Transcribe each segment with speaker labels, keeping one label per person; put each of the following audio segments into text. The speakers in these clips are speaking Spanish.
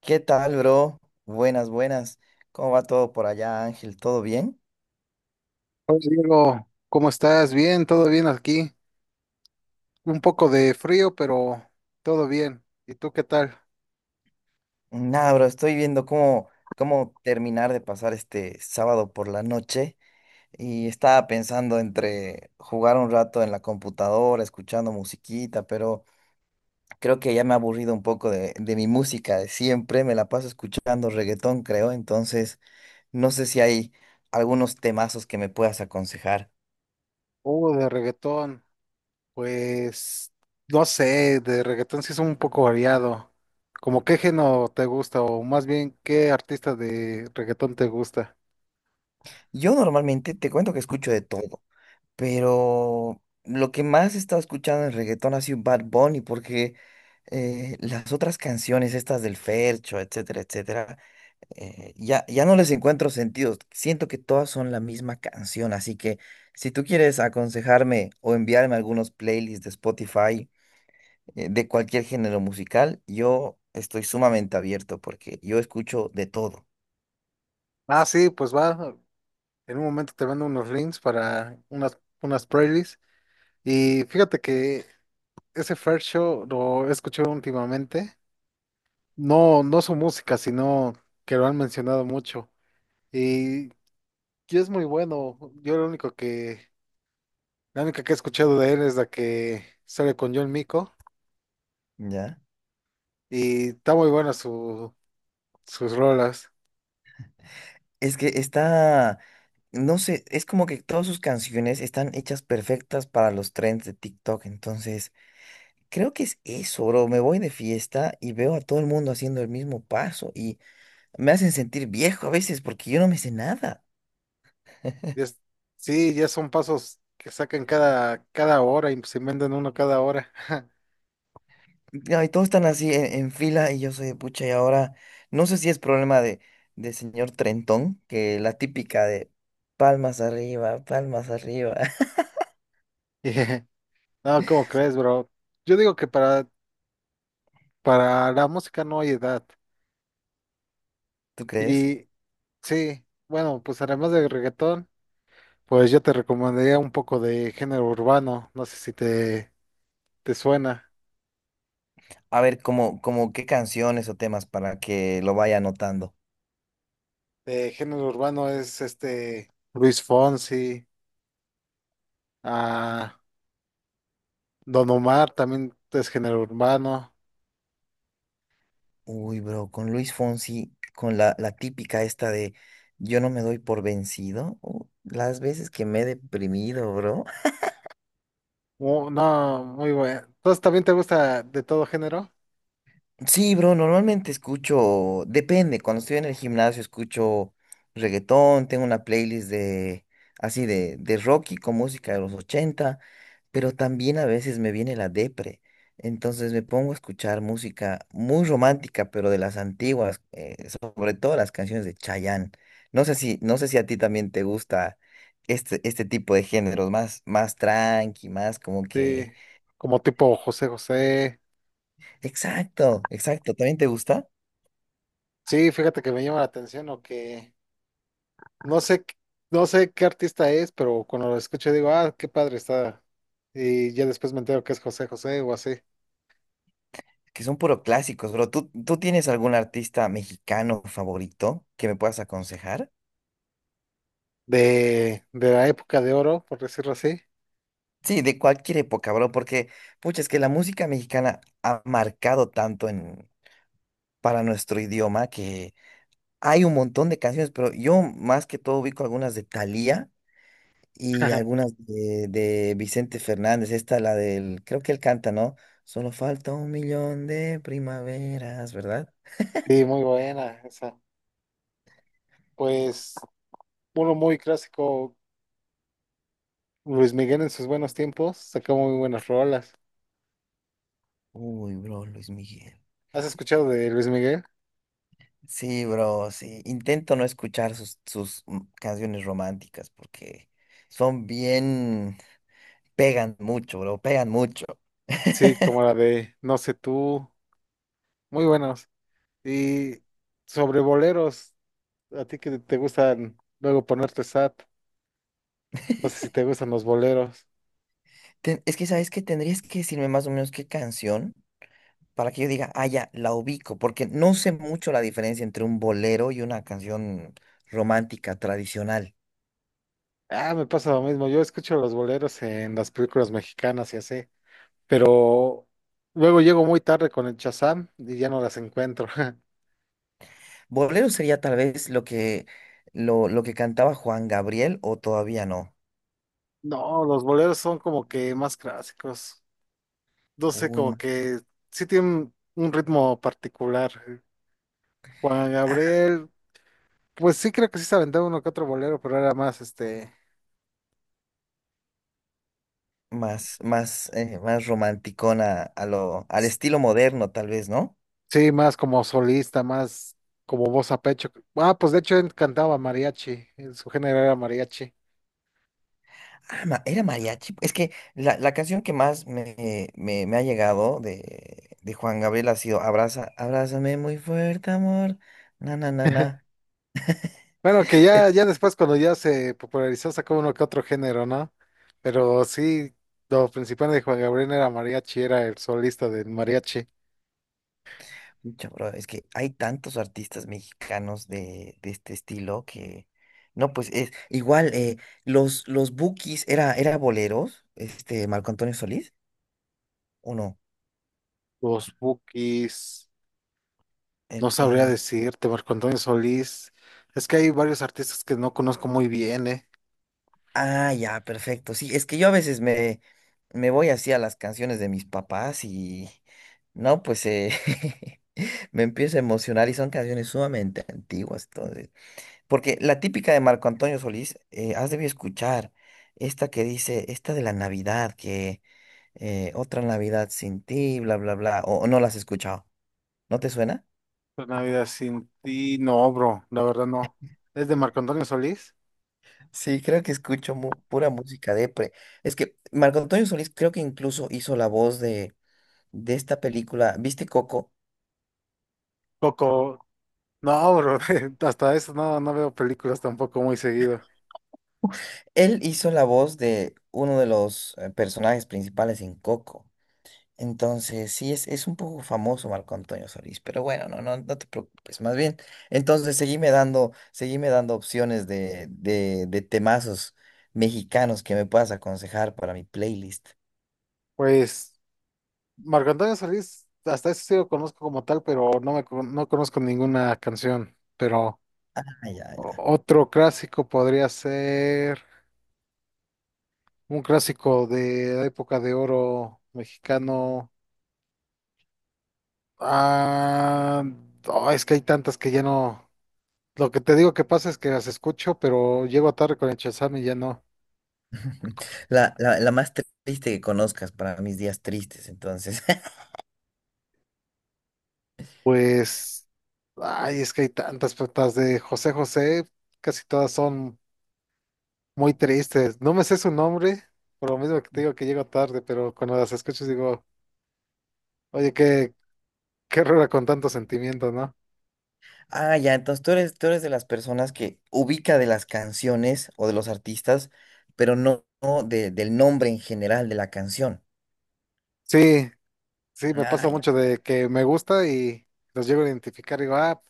Speaker 1: ¿Qué tal, bro? Buenas, buenas. ¿Cómo va todo por allá, Ángel? ¿Todo bien?
Speaker 2: Hola Diego, ¿cómo estás? Bien, todo bien aquí. Un poco de frío, pero todo bien. ¿Y tú qué tal?
Speaker 1: Nada, bro, estoy viendo cómo terminar de pasar este sábado por la noche y estaba pensando entre jugar un rato en la computadora, escuchando musiquita, pero creo que ya me ha aburrido un poco de mi música de siempre. Me la paso escuchando reggaetón, creo, entonces no sé si hay algunos temazos que me puedas aconsejar.
Speaker 2: De reggaetón. Pues no sé, de reggaetón sí es un poco variado. ¿Cómo qué género te gusta? O más bien, ¿qué artista de reggaetón te gusta?
Speaker 1: Yo normalmente te cuento que escucho de todo. Pero lo que más he estado escuchando en reggaetón ha sido Bad Bunny, porque las otras canciones, estas del Fercho, etcétera, etcétera, ya, ya no les encuentro sentido. Siento que todas son la misma canción, así que si tú quieres aconsejarme o enviarme algunos playlists de Spotify, de cualquier género musical, yo estoy sumamente abierto porque yo escucho de todo,
Speaker 2: Ah, sí, pues va. En un momento te mando unos links para unas playlists. Y fíjate que ese First Show lo he escuchado últimamente. No su música, sino que lo han mencionado mucho. Y, y es muy bueno. Yo lo único que, la única que he escuchado de él es la que sale con John Mico.
Speaker 1: ¿ya?
Speaker 2: Y está muy buena su, sus rolas.
Speaker 1: Es que está, no sé, es como que todas sus canciones están hechas perfectas para los trends de TikTok. Entonces, creo que es eso, bro. Me voy de fiesta y veo a todo el mundo haciendo el mismo paso y me hacen sentir viejo a veces porque yo no me sé nada.
Speaker 2: Y es- sí, ya son pasos que sacan cada hora y se inventan uno cada hora.
Speaker 1: Ya, y todos están así en fila y yo soy de pucha y ahora no sé si es problema de señor Trentón, que la típica de palmas arriba, palmas arriba.
Speaker 2: Y, No, ¿cómo crees, bro? Yo digo que para la música no hay edad.
Speaker 1: ¿Tú crees?
Speaker 2: Y sí, bueno, pues además del reggaetón. Pues yo te recomendaría un poco de género urbano, no sé si te suena.
Speaker 1: A ver, como qué canciones o temas para que lo vaya anotando.
Speaker 2: De género urbano es este Luis Fonsi, ah, Don Omar también es género urbano.
Speaker 1: Uy, bro, con Luis Fonsi, con la típica esta de yo no me doy por vencido. Las veces que me he deprimido, bro.
Speaker 2: No, muy bueno. Entonces también te gusta de todo género,
Speaker 1: Sí, bro, normalmente escucho, depende, cuando estoy en el gimnasio escucho reggaetón, tengo una playlist de así de rock y con música de los 80. Pero también a veces me viene la depre. Entonces me pongo a escuchar música muy romántica, pero de las antiguas, sobre todo las canciones de Chayanne. No sé si a ti también te gusta este tipo de géneros, más tranqui, más como que.
Speaker 2: sí, como tipo José José.
Speaker 1: Exacto, exacto, ¿también te gusta?
Speaker 2: Sí, fíjate que me llama la atención o que no sé, no sé qué artista es, pero cuando lo escucho digo, ah, qué padre está. Y ya después me entero que es José José o así.
Speaker 1: Que son puro clásicos, bro. ¿Tú tienes algún artista mexicano favorito que me puedas aconsejar?
Speaker 2: De la época de oro, por decirlo así.
Speaker 1: Sí, de cualquier época, bro, porque, pucha, es que la música mexicana ha marcado tanto para nuestro idioma, que hay un montón de canciones, pero yo más que todo ubico algunas de Thalía y algunas de Vicente Fernández. Esta, la del, creo que él canta, ¿no? Solo falta un millón de primaveras, ¿verdad?
Speaker 2: Sí, muy buena esa. Pues uno muy clásico, Luis Miguel en sus buenos tiempos, sacó muy buenas rolas.
Speaker 1: Uy, bro, Luis Miguel.
Speaker 2: ¿Has escuchado de Luis Miguel?
Speaker 1: Sí, bro, sí. Intento no escuchar sus canciones románticas porque son bien, pegan mucho, bro, pegan mucho.
Speaker 2: Sí, como la de No sé tú, muy buenos. Y sobre boleros, a ti que te gustan luego ponerte sad, no sé si te gustan los boleros.
Speaker 1: Es que, ¿sabes qué? Tendrías que decirme más o menos qué canción para que yo diga, ah, ya, la ubico, porque no sé mucho la diferencia entre un bolero y una canción romántica tradicional.
Speaker 2: Ah, me pasa lo mismo, yo escucho los boleros en las películas mexicanas y así. Pero luego llego muy tarde con el Shazam y ya no las encuentro.
Speaker 1: Bolero sería tal vez lo que cantaba Juan Gabriel, o todavía no.
Speaker 2: No, los boleros son como que más clásicos. No sé,
Speaker 1: Uy,
Speaker 2: como
Speaker 1: ma-
Speaker 2: que sí tienen un ritmo particular. Juan Gabriel, pues sí creo que sí se aventaba uno que otro bolero, pero era más este,
Speaker 1: más, más, eh, más romanticona al estilo moderno, tal vez, ¿no?
Speaker 2: sí, más como solista, más como voz a pecho. Ah, pues de hecho él cantaba mariachi, su género era mariachi.
Speaker 1: Ah, era mariachi. Es que la canción que más me ha llegado de Juan Gabriel ha sido abrázame muy fuerte, amor. Na, na, na, na.
Speaker 2: Bueno, que
Speaker 1: Es,
Speaker 2: ya, ya después cuando ya se popularizó sacó uno que otro género, ¿no? Pero sí, lo principal de Juan Gabriel era mariachi, era el solista del mariachi.
Speaker 1: Pucha, bro, es que hay tantos artistas mexicanos de este estilo, que. No, pues es igual, los Bukis era boleros, este Marco Antonio Solís, ¿o no?
Speaker 2: Los Bukis, no
Speaker 1: El-
Speaker 2: sabría
Speaker 1: eh,
Speaker 2: decirte, Marco Antonio Solís. Es que hay varios artistas que no conozco muy bien, ¿eh?
Speaker 1: Ah, ya, perfecto. Sí, es que yo a veces me voy así a las canciones de mis papás y no, pues me empiezo a emocionar y son canciones sumamente antiguas, entonces. Porque la típica de Marco Antonio Solís, has debido escuchar esta que dice, esta de la Navidad, que otra Navidad sin ti, bla, bla, bla, o no las has escuchado. ¿No te suena?
Speaker 2: Una vida sin ti, no, bro, la verdad no. ¿Es de Marco Antonio Solís?
Speaker 1: Sí, creo que escucho pura música depre. Es que Marco Antonio Solís creo que incluso hizo la voz de esta película, ¿viste Coco?
Speaker 2: Coco, no, bro, hasta eso no, no veo películas tampoco muy seguido.
Speaker 1: Él hizo la voz de uno de los personajes principales en Coco. Entonces, sí, es un poco famoso Marco Antonio Solís, pero bueno, no, no, no te preocupes, más bien. Entonces, seguime dando opciones de temazos mexicanos que me puedas aconsejar para mi playlist.
Speaker 2: Pues. Marco Antonio Solís, hasta eso sí lo conozco como tal, pero no conozco ninguna canción. Pero
Speaker 1: Ah, ya, ya.
Speaker 2: otro clásico podría ser un clásico de la época de oro mexicano. Ah, no, es que hay tantas que ya no. Lo que te digo que pasa es que las escucho, pero llego tarde con el Shazam y ya no.
Speaker 1: La más triste que conozcas para mis días tristes, entonces.
Speaker 2: Pues, ay, es que hay tantas, pero las de José José, casi todas son muy tristes. No me sé su nombre, por lo mismo que te digo que llego tarde, pero cuando las escucho digo, oye, qué, qué rara con tantos sentimientos, ¿no?
Speaker 1: Ah, ya, entonces tú eres, de las personas que ubica de las canciones o de los artistas, pero no del nombre en general de la canción.
Speaker 2: Sí, sí, me pasa
Speaker 1: Ah, ya.
Speaker 2: mucho de que me gusta y los llego a identificar y digo, ah,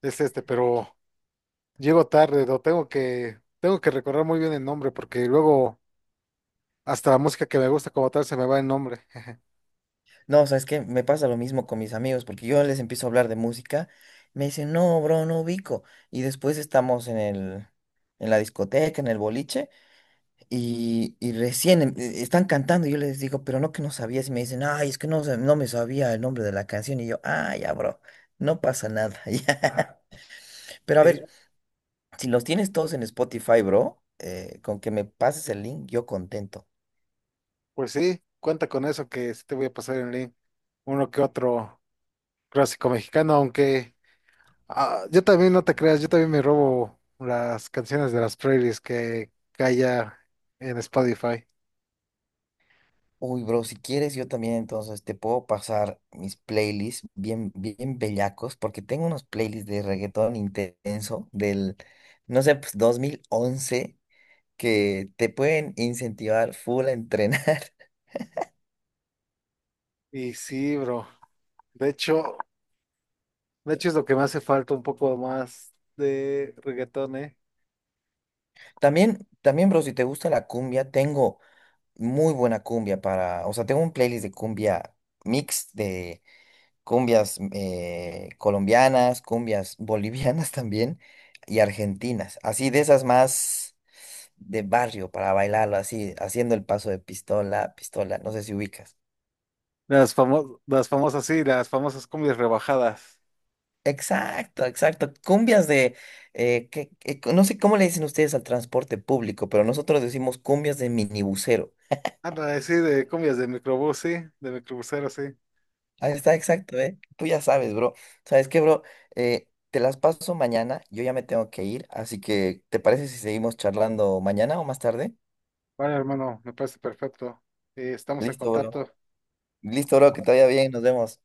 Speaker 2: es este, pero llego tarde, lo tengo que recordar muy bien el nombre, porque luego hasta la música que me gusta como tal se me va el nombre.
Speaker 1: No, sabes que me pasa lo mismo con mis amigos, porque yo les empiezo a hablar de música, me dicen, no, bro, no ubico. Y después estamos en la discoteca, en el boliche, y recién están cantando, y yo les digo, pero no que no sabías, y me dicen, ay, es que no me sabía el nombre de la canción, y yo, ah, ya, bro, no pasa nada. Ya. Pero a
Speaker 2: Y,
Speaker 1: ver. Si los tienes todos en Spotify, bro, con que me pases el link, yo contento.
Speaker 2: pues sí, cuenta con eso que sí te voy a pasar en link, uno que otro clásico mexicano, aunque. Ah, yo también, no te creas, yo también me robo las canciones de las playlists que hay ya en Spotify.
Speaker 1: Uy, bro, si quieres, yo también entonces te puedo pasar mis playlists bien, bien bellacos, porque tengo unos playlists de reggaetón intenso del, no sé, pues 2011, que te pueden incentivar full a entrenar.
Speaker 2: Y sí, bro. De hecho, de hecho es lo que me hace falta un poco más de reggaetón, ¿eh?
Speaker 1: También, también, bro, si te gusta la cumbia, tengo muy buena cumbia para, o sea, tengo un playlist de cumbia mix de cumbias colombianas, cumbias bolivianas también y argentinas, así de esas más de barrio para bailarlo, así haciendo el paso de pistola, pistola, no sé si ubicas.
Speaker 2: Las famosas, sí, las famosas cumbias rebajadas.
Speaker 1: Exacto, exacto. Cumbias no sé cómo le dicen ustedes al transporte público, pero nosotros decimos cumbias de minibusero.
Speaker 2: Anda, sí, de cumbias de microbús, sí, de microbusero, sí.
Speaker 1: Ahí está, exacto, ¿eh? Tú ya sabes, bro. ¿Sabes qué, bro? Te las paso mañana, yo ya me tengo que ir, así que ¿te parece si seguimos charlando mañana o más tarde?
Speaker 2: Vale, hermano, me parece perfecto. Estamos en
Speaker 1: Listo, bro.
Speaker 2: contacto.
Speaker 1: Listo, bro, que te vaya bien, nos vemos.